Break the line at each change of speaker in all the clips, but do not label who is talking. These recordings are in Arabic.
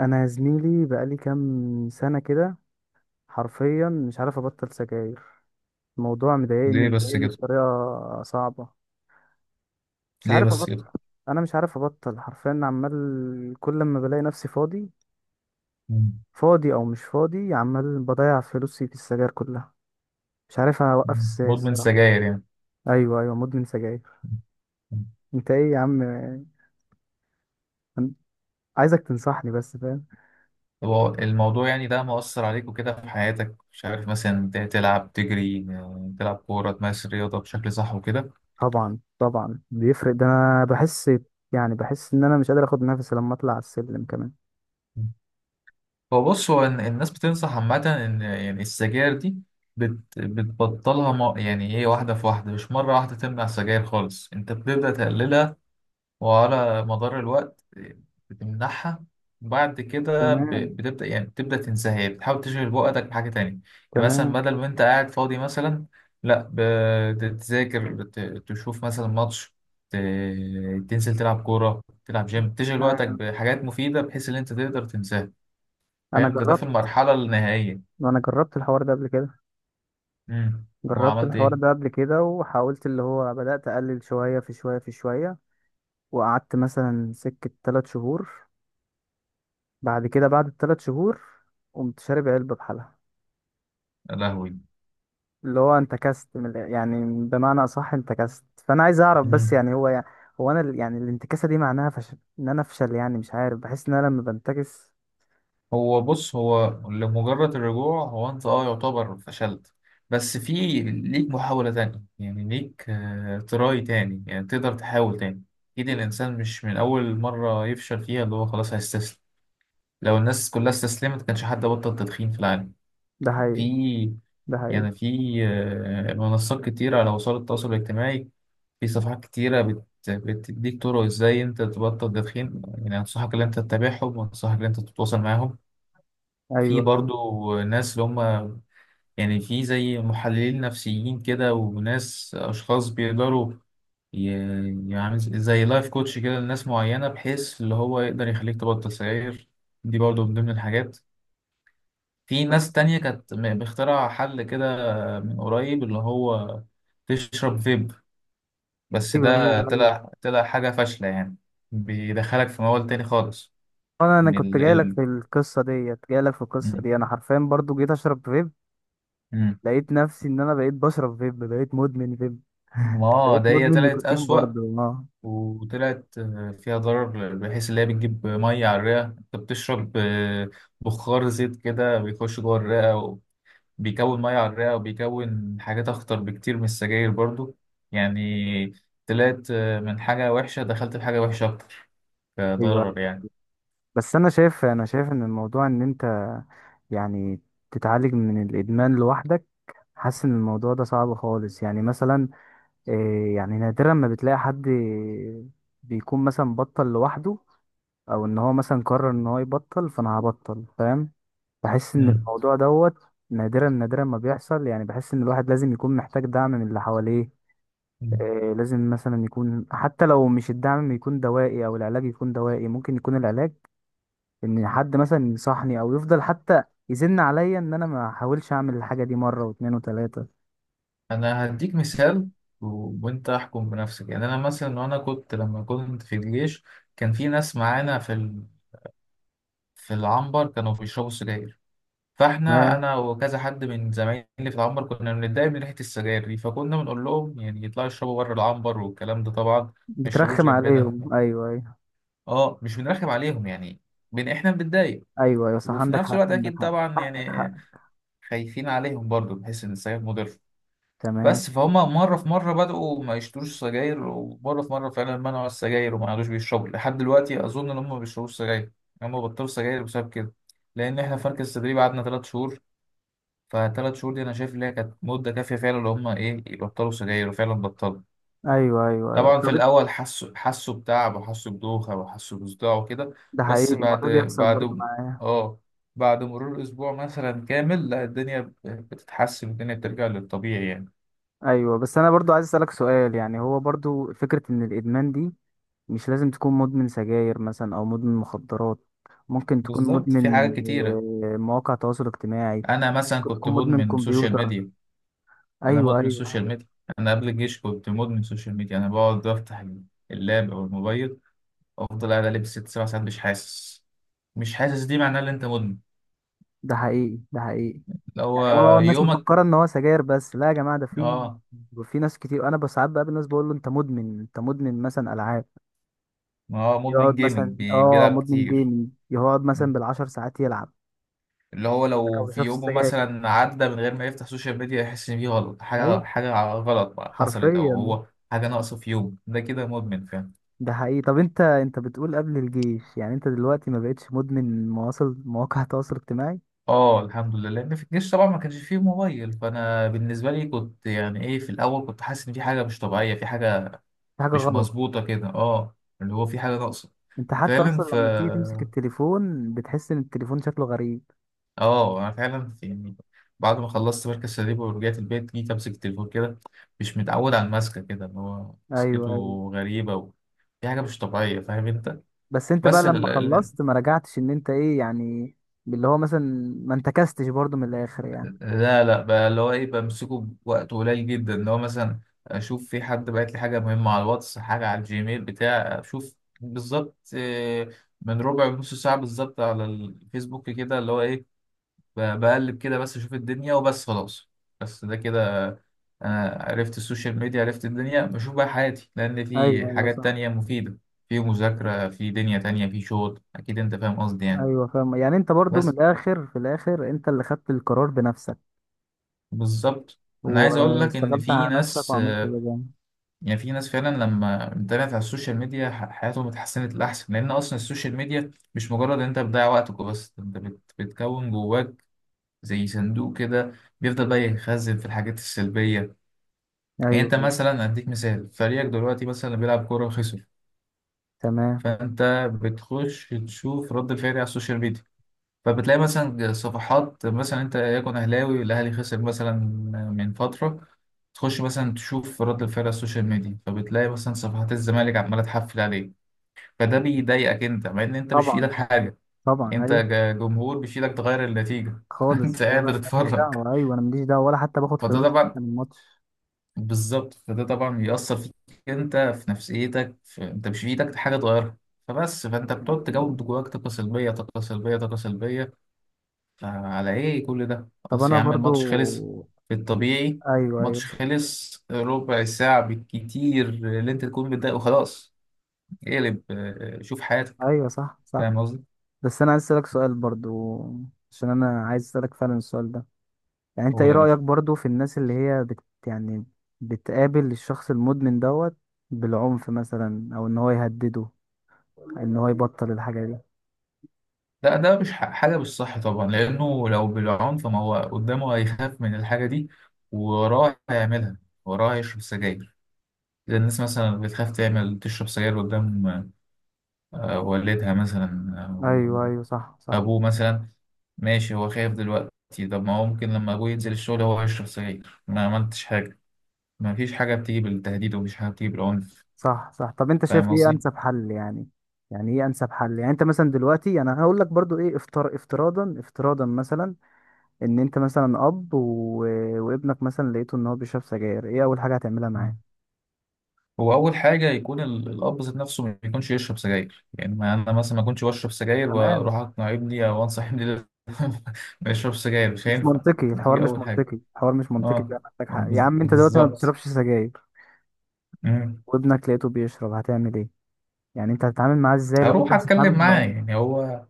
انا يا زميلي بقالي كام سنه كده. حرفيا مش عارف ابطل سجاير. الموضوع مضايقني
ليه بس
مضايقني
كده.
بطريقه صعبه. مش
ليه
عارف
بس
ابطل.
كده.
انا مش عارف ابطل حرفيا، عمال كل ما بلاقي نفسي فاضي.
مم.
فاضي او مش فاضي عمال بضيع فلوسي في السجاير كلها. مش عارف اوقف
مم.
ازاي
مدمن
الصراحه.
سجاير يعني.
ايوه ايوه، مدمن سجاير.
مم.
انت ايه يا عم؟ أنا عايزك تنصحني بس، فاهم؟
طب هو الموضوع يعني ده مؤثر عليك وكده في حياتك، مش عارف مثلا تلعب تجري، تلعب كورة، تمارس الرياضة بشكل صح وكده.
طبعا طبعا بيفرق ده، انا بحس. يعني بحس ان انا مش قادر اخد نفسي لما اطلع على السلم كمان.
مم. هو بص، هو الناس بتنصح عامة إن يعني السجاير دي بتبطلها، ما يعني إيه واحدة في واحدة، مش مرة واحدة تمنع السجاير خالص، أنت بتبدأ تقللها وعلى مدار الوقت بتمنحها، بعد كده
تمام.
بتبدأ يعني بتبدأ تنساها، يعني بتحاول تشغل وقتك بحاجة تانية. يعني مثلا
تمام.
بدل ما انت قاعد فاضي مثلا، لا، بتذاكر، تشوف مثلا ماتش، ت- تنزل تلعب كورة، تلعب جيم، تشغل وقتك
ايوه.
بحاجات مفيدة بحيث ان انت تقدر تنساها.
انا
فاهم؟ ده ده
جربت
في المرحلة النهائية.
انا جربت الحوار ده قبل كده. جربت
وعملت
الحوار
ايه؟
ده قبل كده وحاولت اللي هو بدأت اقلل شوية في شوية في شوية. وقعدت مثلا سكة 3 شهور. بعد كده، بعد ال3 شهور، قمت شارب علبة بحالها.
يا لهوي.
اللي هو انت كست يعني بمعنى اصح انت كست، فانا عايز اعرف بس، يعني هو، يعني هو انا يعني الانتكاسة دي معناها فشل ان انا افشل، يعني مش عارف بحس ان انا لما بنتكس.
هو بص، هو لمجرد الرجوع، هو انت اه يعتبر فشلت، بس في ليك محاولة تانية، يعني ليك تراي تاني، يعني تقدر تحاول تاني. اكيد الانسان مش من اول مرة يفشل فيها اللي هو خلاص هيستسلم، لو الناس كلها استسلمت كانش حد بطل تدخين في العالم.
ده هي،
في،
ده هي.
يعني في منصات كتيرة على وسائل التواصل الاجتماعي، في صفحات كتيرة بتديك طرق ازاي انت تبطل تدخين، يعني انصحك ان انت تتابعهم وانصحك ان انت تتواصل معاهم. في
ايوه
برضو ناس اللي هم، يعني في زي محللين نفسيين كده وناس، أشخاص بيقدروا، يعني زي لايف كوتش كده لناس معينة بحيث اللي هو يقدر يخليك تبطل سجاير. دي برضو من ضمن الحاجات. في
بس.
ناس تانية كانت مخترعة حل كده من قريب اللي هو تشرب فيب، بس
ايوه
ده
ايوه أيوه.
طلع حاجة فاشلة يعني، بيدخلك في موال تاني خالص.
انا
من
كنت
ال... ال...
جاي لك في القصه
م-
دي، انا حرفيا برضو جيت اشرب فيب.
م.
لقيت نفسي ان انا بقيت بشرب فيب، بقيت مدمن فيب.
ما
بقيت
ده هي
مدمن
طلعت
نيكوتين
أسوأ،
برضو، اه.
وطلعت فيها ضرر، بحيث اللي هي بتجيب ميه على الرئه، انت بتشرب بخار زيت كده بيخش جوه الرئه، وبيكون ميه على الرئه وبيكون حاجات اخطر بكتير من السجاير برضو. يعني طلعت من حاجه وحشه دخلت في حاجه وحشه اكتر
ايوه
كضرر
أيوة.
يعني.
بس انا شايف ان الموضوع ان انت، يعني تتعالج من الادمان لوحدك. حاسس ان الموضوع ده صعب خالص، يعني مثلا إيه، يعني نادرا ما بتلاقي حد بيكون مثلا بطل لوحده، او ان هو مثلا قرر ان هو يبطل فانا هبطل، فاهم. بحس ان
مم.
الموضوع دوت. نادرا نادرا ما بيحصل، يعني بحس ان الواحد لازم يكون محتاج دعم من اللي حواليه.
مم.
لازم مثلا يكون حتى لو مش الدعم يكون دوائي، او العلاج يكون دوائي، ممكن يكون العلاج ان حد مثلا ينصحني او يفضل حتى يزن عليا ان انا ما احاولش اعمل الحاجه دي مره واتنين وتلاته.
انا هديك مثال وانت احكم بنفسك. يعني انا مثلا، وانا كنت لما كنت في الجيش، كان في ناس معانا في في العنبر كانوا بيشربوا سجاير، فاحنا
ما
انا وكذا حد من زمايلي في العنبر كنا بنتضايق من ريحه السجاير دي، فكنا بنقول لهم يعني يطلعوا يشربوا بره العنبر والكلام ده، طبعا ما يشربوش
بترخم
جنبنا.
عليهم، ايوه ايوه.
اه مش بنرخم عليهم يعني، احنا بنتضايق،
ايوه ايوه صح،
وفي
عندك
نفس
حق
الوقت
عندك
اكيد
حق،
طبعا
حقك
يعني
حقك.
خايفين عليهم برضو بحيث ان السجاير مضر.
تمام.
بس فهم مره في مره بدأوا ما يشتروش سجاير، ومره في مره فعلا منعوا السجاير وما عادوش بيشربوا، لحد دلوقتي اظن ان هم ما بيشربوش سجاير، هم بطلوا سجاير بسبب كده. لان احنا في مركز التدريب قعدنا ثلاث شهور، فثلاث شهور دي انا شايف ان هي كانت مده كافيه فعلا ان هم ايه يبطلوا سجاير، وفعلا بطلوا.
ايوه ايوه ايوه،
طبعا
طب
في الاول حسوا بتعب وحسوا بدوخه وحسوا بصداع وكده،
ده حقيقي
بس بعد
الموضوع بيحصل برضو
بعد
معايا.
اه بعد مرور اسبوع مثلا كامل، لا الدنيا بتتحسن، الدنيا بترجع للطبيعي يعني.
ايوه، بس انا برضو عايز اسالك سؤال، يعني هو برضو فكره ان الادمان دي مش لازم تكون مدمن سجاير مثلا، او مدمن مخدرات. ممكن تكون
بالظبط في
مدمن
حاجات كتيره.
مواقع تواصل اجتماعي.
انا مثلا
ممكن
كنت
تكون مدمن
مدمن سوشيال
كمبيوتر.
ميديا. انا
ايوه
مدمن
ايوه،
سوشيال ميديا. انا قبل الجيش كنت مدمن سوشيال ميديا، انا بقعد افتح اللاب او الموبايل، افضل قاعد لبس ست سبع ساعات مش حاسس، مش حاسس، دي معناها ان انت مدمن.
ده حقيقي، ده حقيقي.
اللي هو
يعني هو الناس
يومك
مفكره ان هو سجاير بس، لا يا جماعه، ده في.
اه.
في ناس كتير انا بساعات بقابل ناس بقول له انت مدمن، انت مدمن مثلا العاب.
اه مدمن
يقعد مثلا
جيمنج، بيلعب
مدمن
كتير.
جيمنج، يقعد مثلا بالعشر ساعات يلعب.
اللي هو
لكن ما
لو في
بيشربش
يومه
السجاير.
مثلا عدى من غير ما يفتح سوشيال ميديا، يحس ان في غلط،
ايوه.
حاجه، حاجه غلط بقى حصلت، او
حرفيا.
هو حاجه ناقصه في يوم ده كده، مدمن. فاهم؟
ده حقيقي، طب انت بتقول قبل الجيش، يعني انت دلوقتي ما بقتش مدمن مواصل مواقع التواصل الاجتماعي.
اه الحمد لله، لان في الجيش طبعا ما كانش فيه موبايل، فانا بالنسبه لي كنت يعني ايه، في الاول كنت حاسس ان في حاجه مش طبيعيه، في حاجه
دي حاجة
مش
غلط.
مظبوطه كده، اه، اللي هو في حاجه ناقصه.
انت حتى
فعلا،
اصلا
ف
لما بتيجي تمسك التليفون، بتحس ان التليفون شكله غريب.
اه انا فعلا يعني بعد ما خلصت مركز شباب ورجعت البيت، جيت امسك التليفون كده مش متعود على المسكه كده، ان هو
ايوه
مسكته
ايوه.
غريبه دي حاجه مش طبيعيه. فاهم انت؟
بس انت بقى
بس ال...
لما
ال...
خلصت ما رجعتش، ان انت ايه يعني؟ اللي هو مثلا ما انتكستش برضو من الاخر يعني.
لا لا بقى اللي هو ايه بمسكه بوقت قليل جدا، اللي هو مثلا اشوف في حد بعت لي حاجه مهمه على الواتس، حاجه على الجيميل بتاع اشوف، بالظبط من ربع نص ساعه بالظبط على الفيسبوك كده، اللي هو ايه بقلب كده بس اشوف الدنيا وبس، خلاص. بس ده كده، انا عرفت السوشيال ميديا، عرفت الدنيا، بشوف بقى حياتي، لان
ايوه
في
ايوه
حاجات
صح.
تانية مفيدة، في مذاكرة، في دنيا تانية، في شغل، اكيد انت فاهم قصدي يعني.
ايوه فاهم، يعني انت برضو من
بس
الاخر، في الاخر انت اللي خدت القرار بنفسك
بالظبط. انا عايز اقول لك ان
واشتغلت
في
على نفسك
ناس
وعملت اللي جنبك.
يعني في ناس فعلا لما انتبهت على السوشيال ميديا، حياتهم اتحسنت لاحسن، لان اصلا السوشيال ميديا مش مجرد ان انت بتضيع وقتك بس، انت بتكون جواك زي صندوق كده، بيفضل بقى يخزن في الحاجات السلبية. يعني
ايوه
انت
ايوه
مثلا، اديك مثال، فريقك دلوقتي مثلا اللي بيلعب كورة خسر،
تمام.
فانت بتخش تشوف رد الفعل على السوشيال ميديا، فبتلاقي مثلا صفحات، مثلا انت يكون اهلاوي، الاهلي خسر مثلا من فتره، تخش مثلا تشوف رد الفعل على السوشيال ميديا، فبتلاقي مثلا صفحات الزمالك عماله تحفل عليك، فده بيضايقك انت، مع ان انت مش في
طبعا
ايدك حاجه،
طبعا
انت
ايوه.
جمهور، مش في ايدك تغير النتيجه انت
خالص،
قاعد
ولا أنا ماليش
بتتفرج.
دعوة، أيوة، أنا ماليش دعوة ولا حتى باخد
فده
فلوس حتى
طبعا،
من الماتش.
بالظبط، فده طبعا بيأثر فيك انت في نفسيتك، انت مش في ايدك حاجه تغيرها، فبس فانت بتقعد تجود جواك طاقه سلبيه، طاقه سلبيه، طاقه سلبيه. فعلى ايه كل ده،
طب
خلاص
أنا
يا عم
برضو،
الماتش خلص، في الطبيعي
أيوة
ماتش
أيوة
خلص ربع ساعه بالكتير اللي انت تكون متضايق وخلاص، اقلب، اه، شوف حياتك.
أيوة صح صح.
فاهم قصدي؟
بس أنا عايز أسألك سؤال برضو، عشان أنا عايز أسألك فعلا السؤال ده. يعني أنت
قول
إيه
يا
رأيك
باشا.
برضو في الناس اللي هي يعني بتقابل الشخص المدمن دوت بالعنف مثلا، أو إن هو يهدده إن هو يبطل الحاجة دي.
لا ده مش حاجه مش صح طبعا، لانه لو بالعنف ما هو قدامه هيخاف من الحاجه دي ووراه هيعملها، وراه هيشرب سجاير، زي الناس مثلا بتخاف تعمل تشرب سجاير قدام والدها مثلا أو
أيوة أيوة صح صح.
أبوه مثلا، ماشي هو خايف دلوقتي، طب ما هو ممكن لما أبوه ينزل الشغل هو يشرب سجاير، ما عملتش حاجة. ما فيش حاجة بتيجي بالتهديد، ومفيش حاجة بتيجي بالعنف.
صح صح، طب انت شايف
فاهم
ايه
قصدي؟
انسب حل يعني؟ يعني ايه انسب حل، يعني انت مثلا دلوقتي، يعني انا هقول لك برضو ايه افتراضا مثلا ان انت مثلا اب و... وابنك مثلا لقيته ان هو بيشرب سجاير، ايه اول حاجه هتعملها
مم.
معاه؟
هو أول حاجة يكون الأب ذات نفسه ما يكونش يشرب سجاير، يعني ما أنا مثلا ما كنتش بشرب سجاير
تمام.
وأروح أقنع ابني أو أنصح ابني ما يشربش سجاير، مش
مش
هينفع.
منطقي الحوار،
دي
مش
أول حاجة.
منطقي الحوار، مش منطقي،
أه،
ده محتاج حق يا عم، انت دلوقتي ما
بالظبط.
بتشربش سجاير وابنك لقيته بيشرب، هتعمل ايه؟ يعني انت هتتعامل معاه ازاي لو انت
هروح
مش
اتكلم
هتتعامل
معاه،
بالعنف؟
يعني هو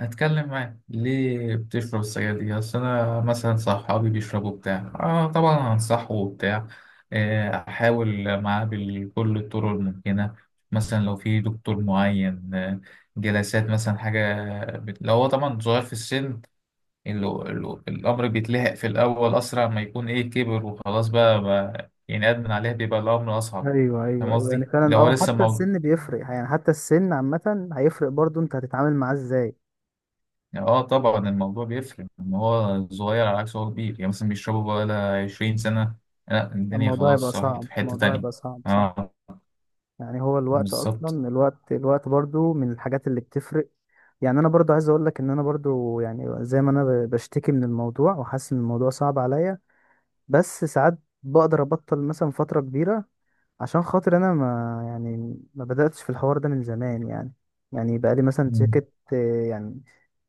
هتكلم معاه ليه بتشرب السجاير دي، اصل انا مثلا صحابي بيشربوا بتاع، اه طبعا هنصحه وبتاع، احاول معاه بكل الطرق الممكنه، مثلا لو في دكتور معين، جلسات مثلا حاجه، لو هو طبعا صغير في السن، الامر بيتلحق في الاول اسرع ما يكون، ايه كبر وخلاص بقى يعني ادمن عليه، بيبقى الامر اصعب.
ايوه
فاهم
ايوه ايوه، يعني
قصدي؟
فعلا
لو هو لسه،
حتى السن بيفرق، يعني حتى السن عامه هيفرق برضو، انت هتتعامل معاه ازاي؟
يعني اه طبعا الموضوع بيفرق ان هو صغير على عكس هو كبير، يعني مثلا بيشربوا بقى لها 20 سنة، لا الدنيا
الموضوع يبقى
خلاص راحت
صعب،
في حتة
الموضوع
تانية.
يبقى صعب، صح.
اه
يعني هو الوقت
بالظبط.
اصلا، الوقت برضو من الحاجات اللي بتفرق. يعني انا برضو عايز اقول لك ان انا برضو، يعني زي ما انا بشتكي من الموضوع، وحاسس ان الموضوع صعب عليا. بس ساعات بقدر ابطل مثلا فترة كبيرة، عشان خاطر انا ما يعني ما بدأتش في الحوار ده من زمان يعني. يعني بقالي مثلا
مم.
سكة، يعني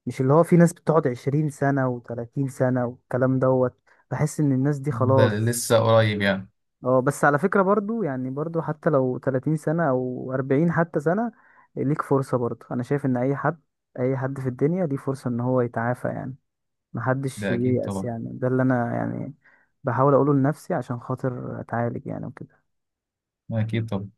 مش اللي هو في ناس بتقعد 20 سنة و30 سنة والكلام دوت. بحس ان الناس دي
ده
خلاص.
لسه قريب يعني.
اه بس على فكرة برضو، يعني برضو حتى لو 30 سنة او 40 حتى سنة، ليك فرصة برضو. انا شايف ان اي حد، اي حد في الدنيا ليه فرصة ان هو يتعافى يعني. محدش
ده اكيد
ييأس،
طبعا.
يعني ده اللي انا يعني بحاول اقوله لنفسي عشان خاطر اتعالج يعني، وكده.
اكيد طبعا.